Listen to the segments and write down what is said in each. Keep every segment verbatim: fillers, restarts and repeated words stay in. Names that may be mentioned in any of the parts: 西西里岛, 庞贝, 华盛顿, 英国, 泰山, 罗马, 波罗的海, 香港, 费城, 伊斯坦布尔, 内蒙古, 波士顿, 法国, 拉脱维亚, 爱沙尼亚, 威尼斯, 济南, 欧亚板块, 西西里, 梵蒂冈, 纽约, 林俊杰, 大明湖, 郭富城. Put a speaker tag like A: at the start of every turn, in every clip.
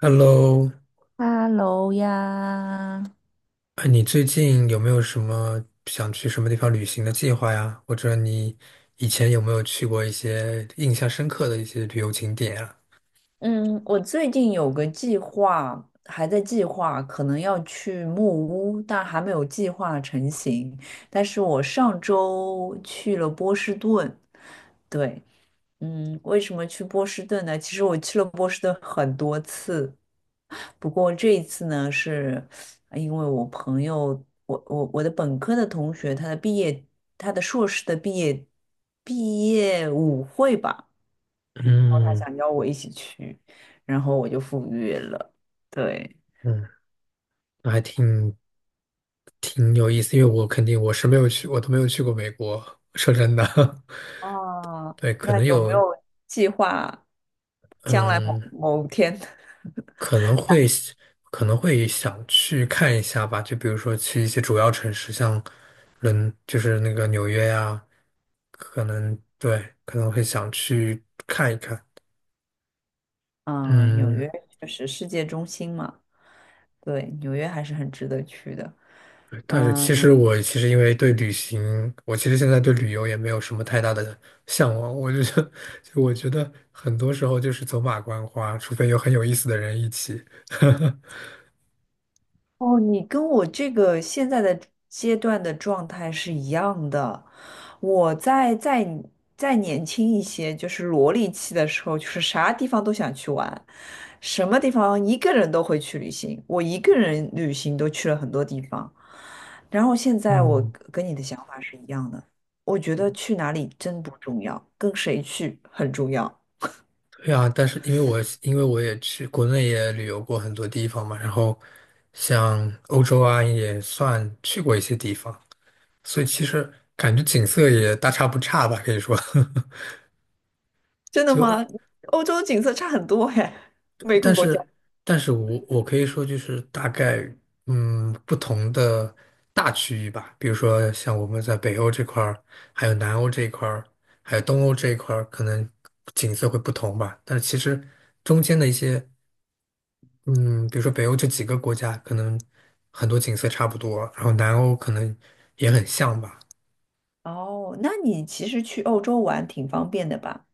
A: Hello，
B: 哈喽呀，
A: 哎，你最近有没有什么想去什么地方旅行的计划呀？或者你以前有没有去过一些印象深刻的一些旅游景点啊？
B: 嗯，我最近有个计划，还在计划，可能要去木屋，但还没有计划成型。但是我上周去了波士顿，对，嗯，为什么去波士顿呢？其实我去了波士顿很多次，不过这一次呢，是因为我朋友，我我我的本科的同学，他的毕业，他的硕士的毕业毕业舞会吧。然后他
A: 嗯
B: 想邀我一起去，然后我就赴约了。对，
A: 嗯，那还挺挺有意思，因为我肯定我是没有去，我都没有去过美国。说真的，
B: 哦，
A: 对，可
B: 那
A: 能
B: 有没
A: 有，
B: 有计划将来某
A: 嗯。
B: 某天？
A: 可能会可能会想去看一下吧，就比如说去一些主要城市，像伦，就是那个纽约呀，可能对，可能会想去看一看。
B: 嗯，纽
A: 嗯，
B: 约就是世界中心嘛，对，纽约还是很值得去的。
A: 对，但是其
B: 嗯。
A: 实我其实因为对旅行，我其实现在对旅游也没有什么太大的向往。我就觉 就我觉得很多时候就是走马观花，除非有很有意思的人一起。
B: 哦，你跟我这个现在的阶段的状态是一样的。我在在再再再年轻一些，就是萝莉期的时候，就是啥地方都想去玩，什么地方一个人都会去旅行。我一个人旅行都去了很多地方。然后现在我
A: 嗯
B: 跟你的想法是一样的，我觉得去哪里真不重要，跟谁去很重要。
A: 对啊，但是因为我因为我也去国内也旅游过很多地方嘛，然后像欧洲啊也算去过一些地方，所以其实感觉景色也大差不差吧，可以说。
B: 真的
A: 就
B: 吗？欧洲景色差很多哎，每个
A: 但
B: 国家。
A: 是但是我我可以说就是大概嗯不同的大区域吧，比如说像我们在北欧这块儿，还有南欧这一块儿，还有东欧这一块儿，可能景色会不同吧。但是其实中间的一些。嗯，比如说北欧这几个国家，可能很多景色差不多，然后南欧可能也很像吧。
B: 哦，那你其实去欧洲玩挺方便的吧？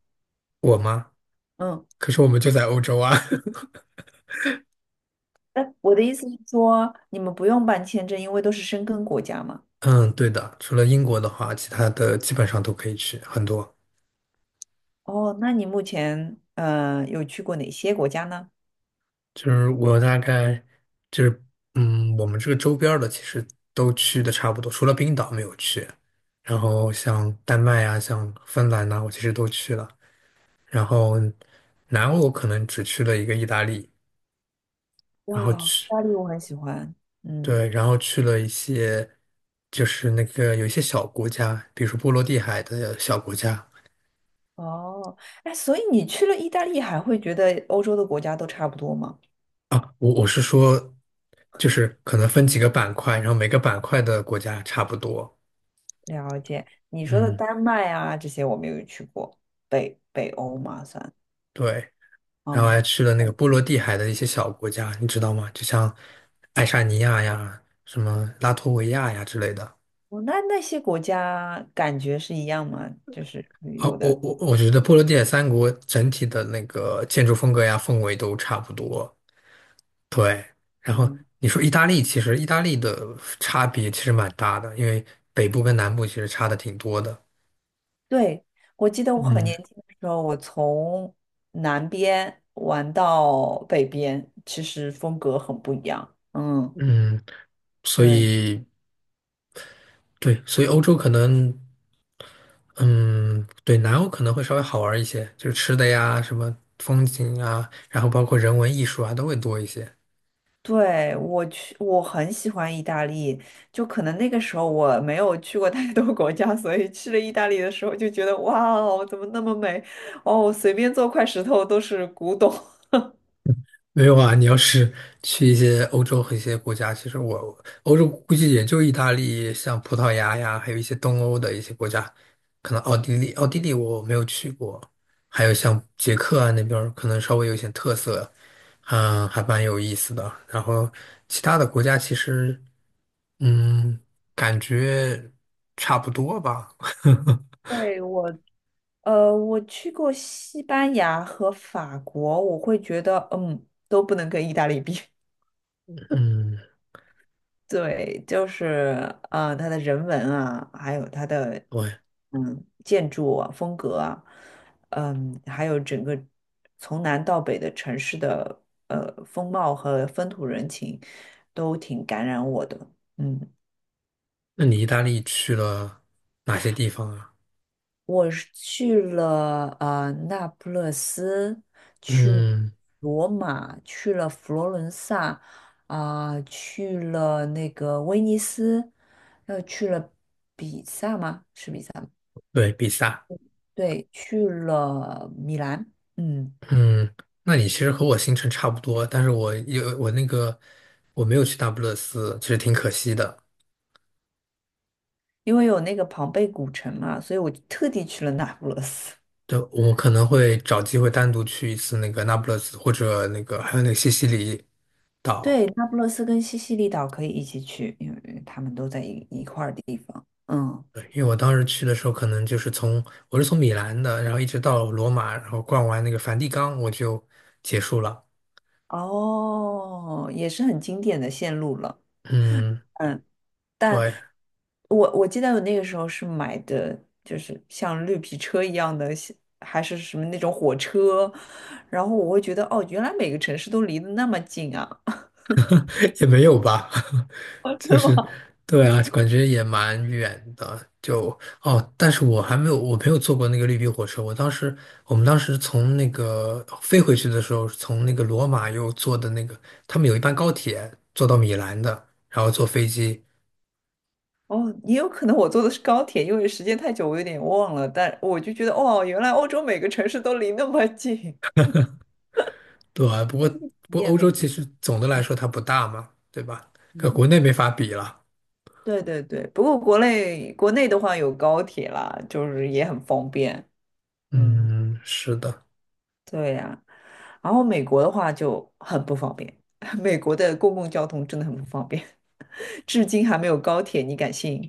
A: 我吗？
B: 嗯，
A: 可是我们就在欧洲啊。
B: 那我的意思是说，你们不用办签证，因为都是申根国家嘛。
A: 嗯，对的，除了英国的话，其他的基本上都可以去，很多。
B: 哦，那你目前呃有去过哪些国家呢？
A: 就是我大概就是，嗯，我们这个周边儿的其实都去的差不多，除了冰岛没有去。然后像丹麦啊，像芬兰呐、我其实都去了。然后南欧我可能只去了一个意大利，然后
B: 哇，意
A: 去。
B: 大利我很喜欢。嗯，
A: 对，然后去了一些，就是那个有一些小国家，比如说波罗的海的小国家
B: 哦，哎，所以你去了意大利，还会觉得欧洲的国家都差不多吗？
A: 啊，我我是说，就是可能分几个板块，然后每个板块的国家差不多，
B: 了解，你说的
A: 嗯，
B: 丹麦啊，这些我没有去过，北北欧嘛算。
A: 对，然后
B: 哦，
A: 还去了那个波罗的海的一些小国家，你知道吗？就像爱沙尼亚呀、什么拉脱维亚呀之类的。
B: 哦，那那些国家感觉是一样吗？就是旅
A: 啊，
B: 游
A: 我
B: 的，
A: 我我觉得波罗的海三国整体的那个建筑风格呀、氛围都差不多。对，然后
B: 嗯，
A: 你说意大利，其实意大利的差别其实蛮大的，因为北部跟南部其实差的挺多的。
B: 对，我记得我很
A: 嗯
B: 年轻的时候，我从南边玩到北边，其实风格很不一样。嗯，
A: 嗯，所
B: 对，
A: 以对，所以欧洲可能，嗯，对，南欧可能会稍微好玩一些，就是吃的呀，什么风景啊，然后包括人文艺术啊，都会多一些。
B: 对，我去，我很喜欢意大利，就可能那个时候我没有去过太多国家，所以去了意大利的时候就觉得哇哦，怎么那么美？哦，随便做块石头都是古董。
A: 没有啊，你要是去一些欧洲和一些国家，其实我欧洲估计也就意大利、像葡萄牙呀，还有一些东欧的一些国家，可能奥地利，奥地利我没有去过，还有像捷克啊那边儿可能稍微有一些特色，嗯，还蛮有意思的。然后其他的国家其实，嗯，感觉差不多吧。
B: 对，我呃，我去过西班牙和法国，我会觉得，嗯，都不能跟意大利比。
A: 嗯，
B: 对，就是呃，它的人文啊，还有它的
A: 对，
B: 嗯建筑啊、风格啊，嗯，还有整个从南到北的城市的呃风貌和风土人情，都挺感染我的。嗯。
A: 那你意大利去了哪些地方啊？
B: 我是去了呃那不勒斯，去
A: 嗯，
B: 罗马，去了佛罗伦萨，啊、去了那个威尼斯，又去了比萨吗？是比萨？
A: 对，比萨。
B: 对，去了米兰。嗯，
A: 嗯，那你其实和我行程差不多，但是我有我那个我没有去那不勒斯，其实挺可惜的。
B: 因为有那个庞贝古城嘛，所以我就特地去了那不勒斯。
A: 对，我可能会找机会单独去一次那个那不勒斯，或者那个还有那个西西里岛。
B: 对，那不勒斯跟西西里岛可以一起去，因为他们都在一一块儿地方。嗯，
A: 对，因为我当时去的时候，可能就是从我是从米兰的，然后一直到罗马，然后逛完那个梵蒂冈，我就结束了。
B: 哦，也是很经典的线路了。
A: 嗯，
B: 嗯，但
A: 对，
B: 我我记得我那个时候是买的，就是像绿皮车一样的，像还是什么那种火车，然后我会觉得，哦，原来每个城市都离得那么近啊，
A: 也没有吧。
B: 真
A: 就
B: 的
A: 是，
B: 吗？
A: 对啊，感觉也蛮远的。就哦，但是我还没有，我没有坐过那个绿皮火车。我当时，我们当时从那个飞回去的时候，从那个罗马又坐的那个，他们有一班高铁坐到米兰的，然后坐飞机。
B: 哦，也有可能我坐的是高铁，因为时间太久，我有点忘了，但我就觉得，哦，原来欧洲每个城市都离那么近，
A: 对啊，不过
B: 体
A: 不过
B: 验
A: 欧洲
B: 非
A: 其
B: 常，
A: 实总的来说它不大嘛，对吧？跟
B: 嗯，
A: 国内没法比了。
B: 对对对。不过国内国内的话有高铁啦，就是也很方便，嗯，
A: 嗯，是的。
B: 对呀。然后美国的话就很不方便，美国的公共交通真的很不方便，至今还没有高铁，你敢信？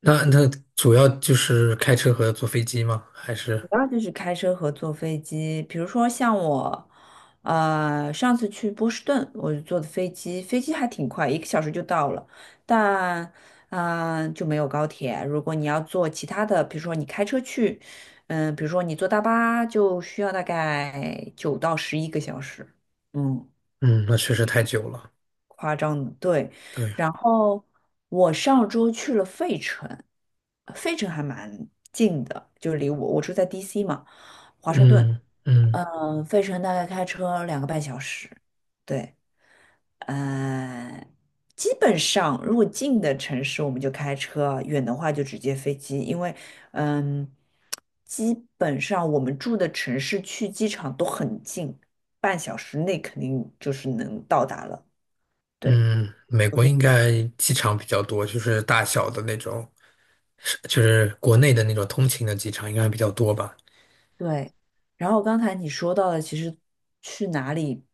A: 那那主要就是开车和坐飞机吗？还是
B: 主要就是开车和坐飞机，比如说像我，呃，上次去波士顿，我就坐的飞机，飞机还挺快，一个小时就到了，但，嗯、就没有高铁。如果你要坐其他的，比如说你开车去，嗯、比如说你坐大巴，就需要大概九到十一个小时，嗯。
A: 嗯，那确实太久了。
B: 夸张的，对。
A: 对，
B: 然后我上周去了费城，呃费城还蛮近的，就是离我我住在 D C 嘛，华盛顿。
A: 嗯嗯。
B: 嗯、费城大概开车两个半小时。对，呃，基本上如果近的城市我们就开车，远的话就直接飞机，因为嗯，基本上我们住的城市去机场都很近，半小时内肯定就是能到达了。对。
A: 嗯，美国应该机场比较多，就是大小的那种，就是国内的那种通勤的机场应该比较多吧。
B: 对，然后刚才你说到的，其实去哪里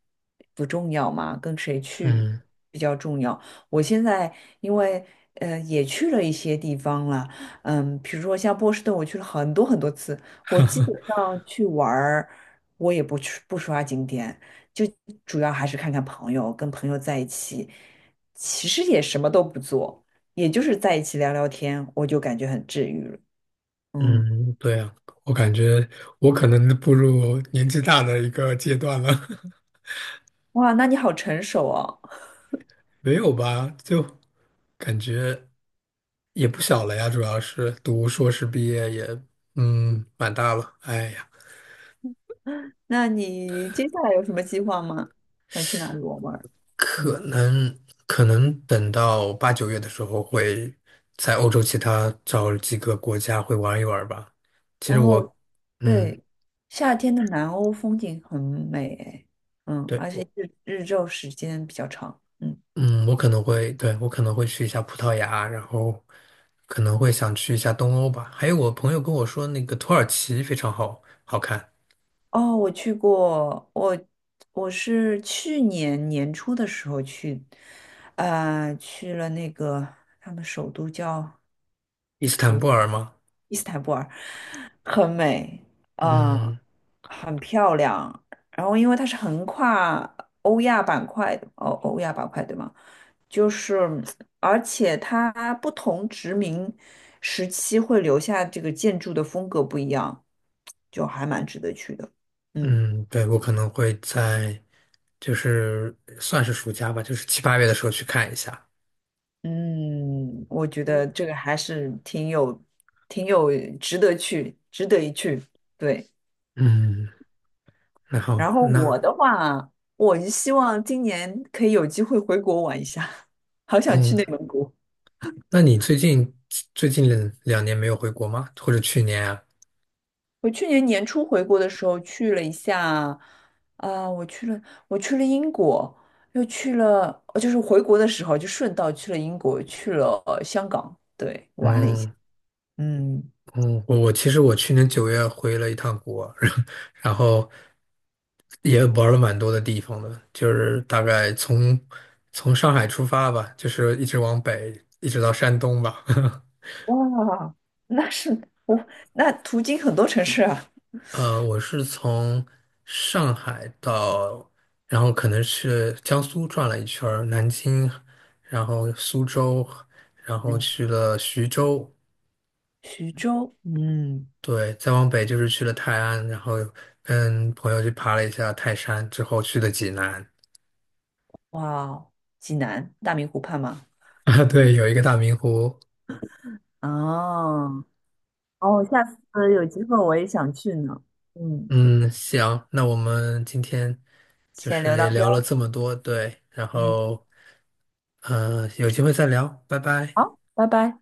B: 不重要嘛，跟谁去
A: 嗯
B: 比较重要。我现在因为呃也去了一些地方了，嗯，比如说像波士顿，我去了很多很多次。我基本上去玩儿，我也不去不刷景点，就主要还是看看朋友，跟朋友在一起，其实也什么都不做，也就是在一起聊聊天，我就感觉很治愈了。嗯，
A: 嗯，对啊，我感觉我可能步入年纪大的一个阶段了，
B: 哇，那你好成熟哦。
A: 没有吧？就感觉也不小了呀，主要是读硕士毕业也嗯蛮大了，哎呀。
B: 那你接下来有什么计划吗？想去哪里玩玩？嗯，
A: 可能可能等到八九月的时候会在欧洲其他找几个国家会玩一玩吧。其实
B: 哦，
A: 我，嗯，
B: 对，夏天的南欧风景很美诶嗯，
A: 对，
B: 而且
A: 我，
B: 日日照时间比较长，嗯，
A: 嗯，我可能会，对，我可能会去一下葡萄牙，然后可能会想去一下东欧吧。还有我朋友跟我说，那个土耳其非常好好看，
B: 哦，我去过，我我是去年年初的时候去，呃，去了那个他们首都叫
A: 伊斯坦布尔吗？
B: 伊斯坦布尔很美，啊、
A: 嗯
B: 很漂亮。然后因为它是横跨欧亚板块，的，哦，欧亚板块对吗？就是，而且它不同殖民时期会留下这个建筑的风格不一样，就还蛮值得去的。嗯
A: 嗯，对，我可能会在就是算是暑假吧，就是七八月的时候去看一下。
B: 嗯，我觉得这个还是挺有、挺有值得去、值得一去。对。
A: 嗯，那好，
B: 然后我
A: 那。
B: 的话，我是希望今年可以有机会回国玩一下，好想去
A: 哦，
B: 内蒙古。
A: 那你最近最近两两年没有回国吗？或者去年啊？
B: 我去年年初回国的时候去了一下，啊、我去了，我去了英国，又去了，呃就是回国的时候就顺道去了英国，去了呃香港，对，哇
A: 嗯
B: 嗯，
A: 嗯，我我其实我去年九月回了一趟国，然后也玩了蛮多的地方的，就是大概从从上海出发吧，就是一直往北，一直到山东吧。
B: 哇，那是我那途经很多城市啊，
A: 呃，我是从上海到，然后可能是江苏转了一圈儿南京，然后苏州，然后
B: 嗯，
A: 去了徐州，
B: 徐州，嗯，
A: 对，再往北就是去了泰安，然后跟朋友去爬了一下泰山，之后去的济南。
B: 哇哦，济南大明湖畔嘛，
A: 啊，对，有一个大明湖。
B: 啊。哦，下次有机会我也想去呢。嗯，
A: 嗯，行，那我们今天就
B: 先
A: 是
B: 留到
A: 也
B: 这
A: 聊了
B: 儿。
A: 这么多，对，然
B: 嗯，
A: 后，嗯，有机会再聊，拜拜。
B: 好，拜拜。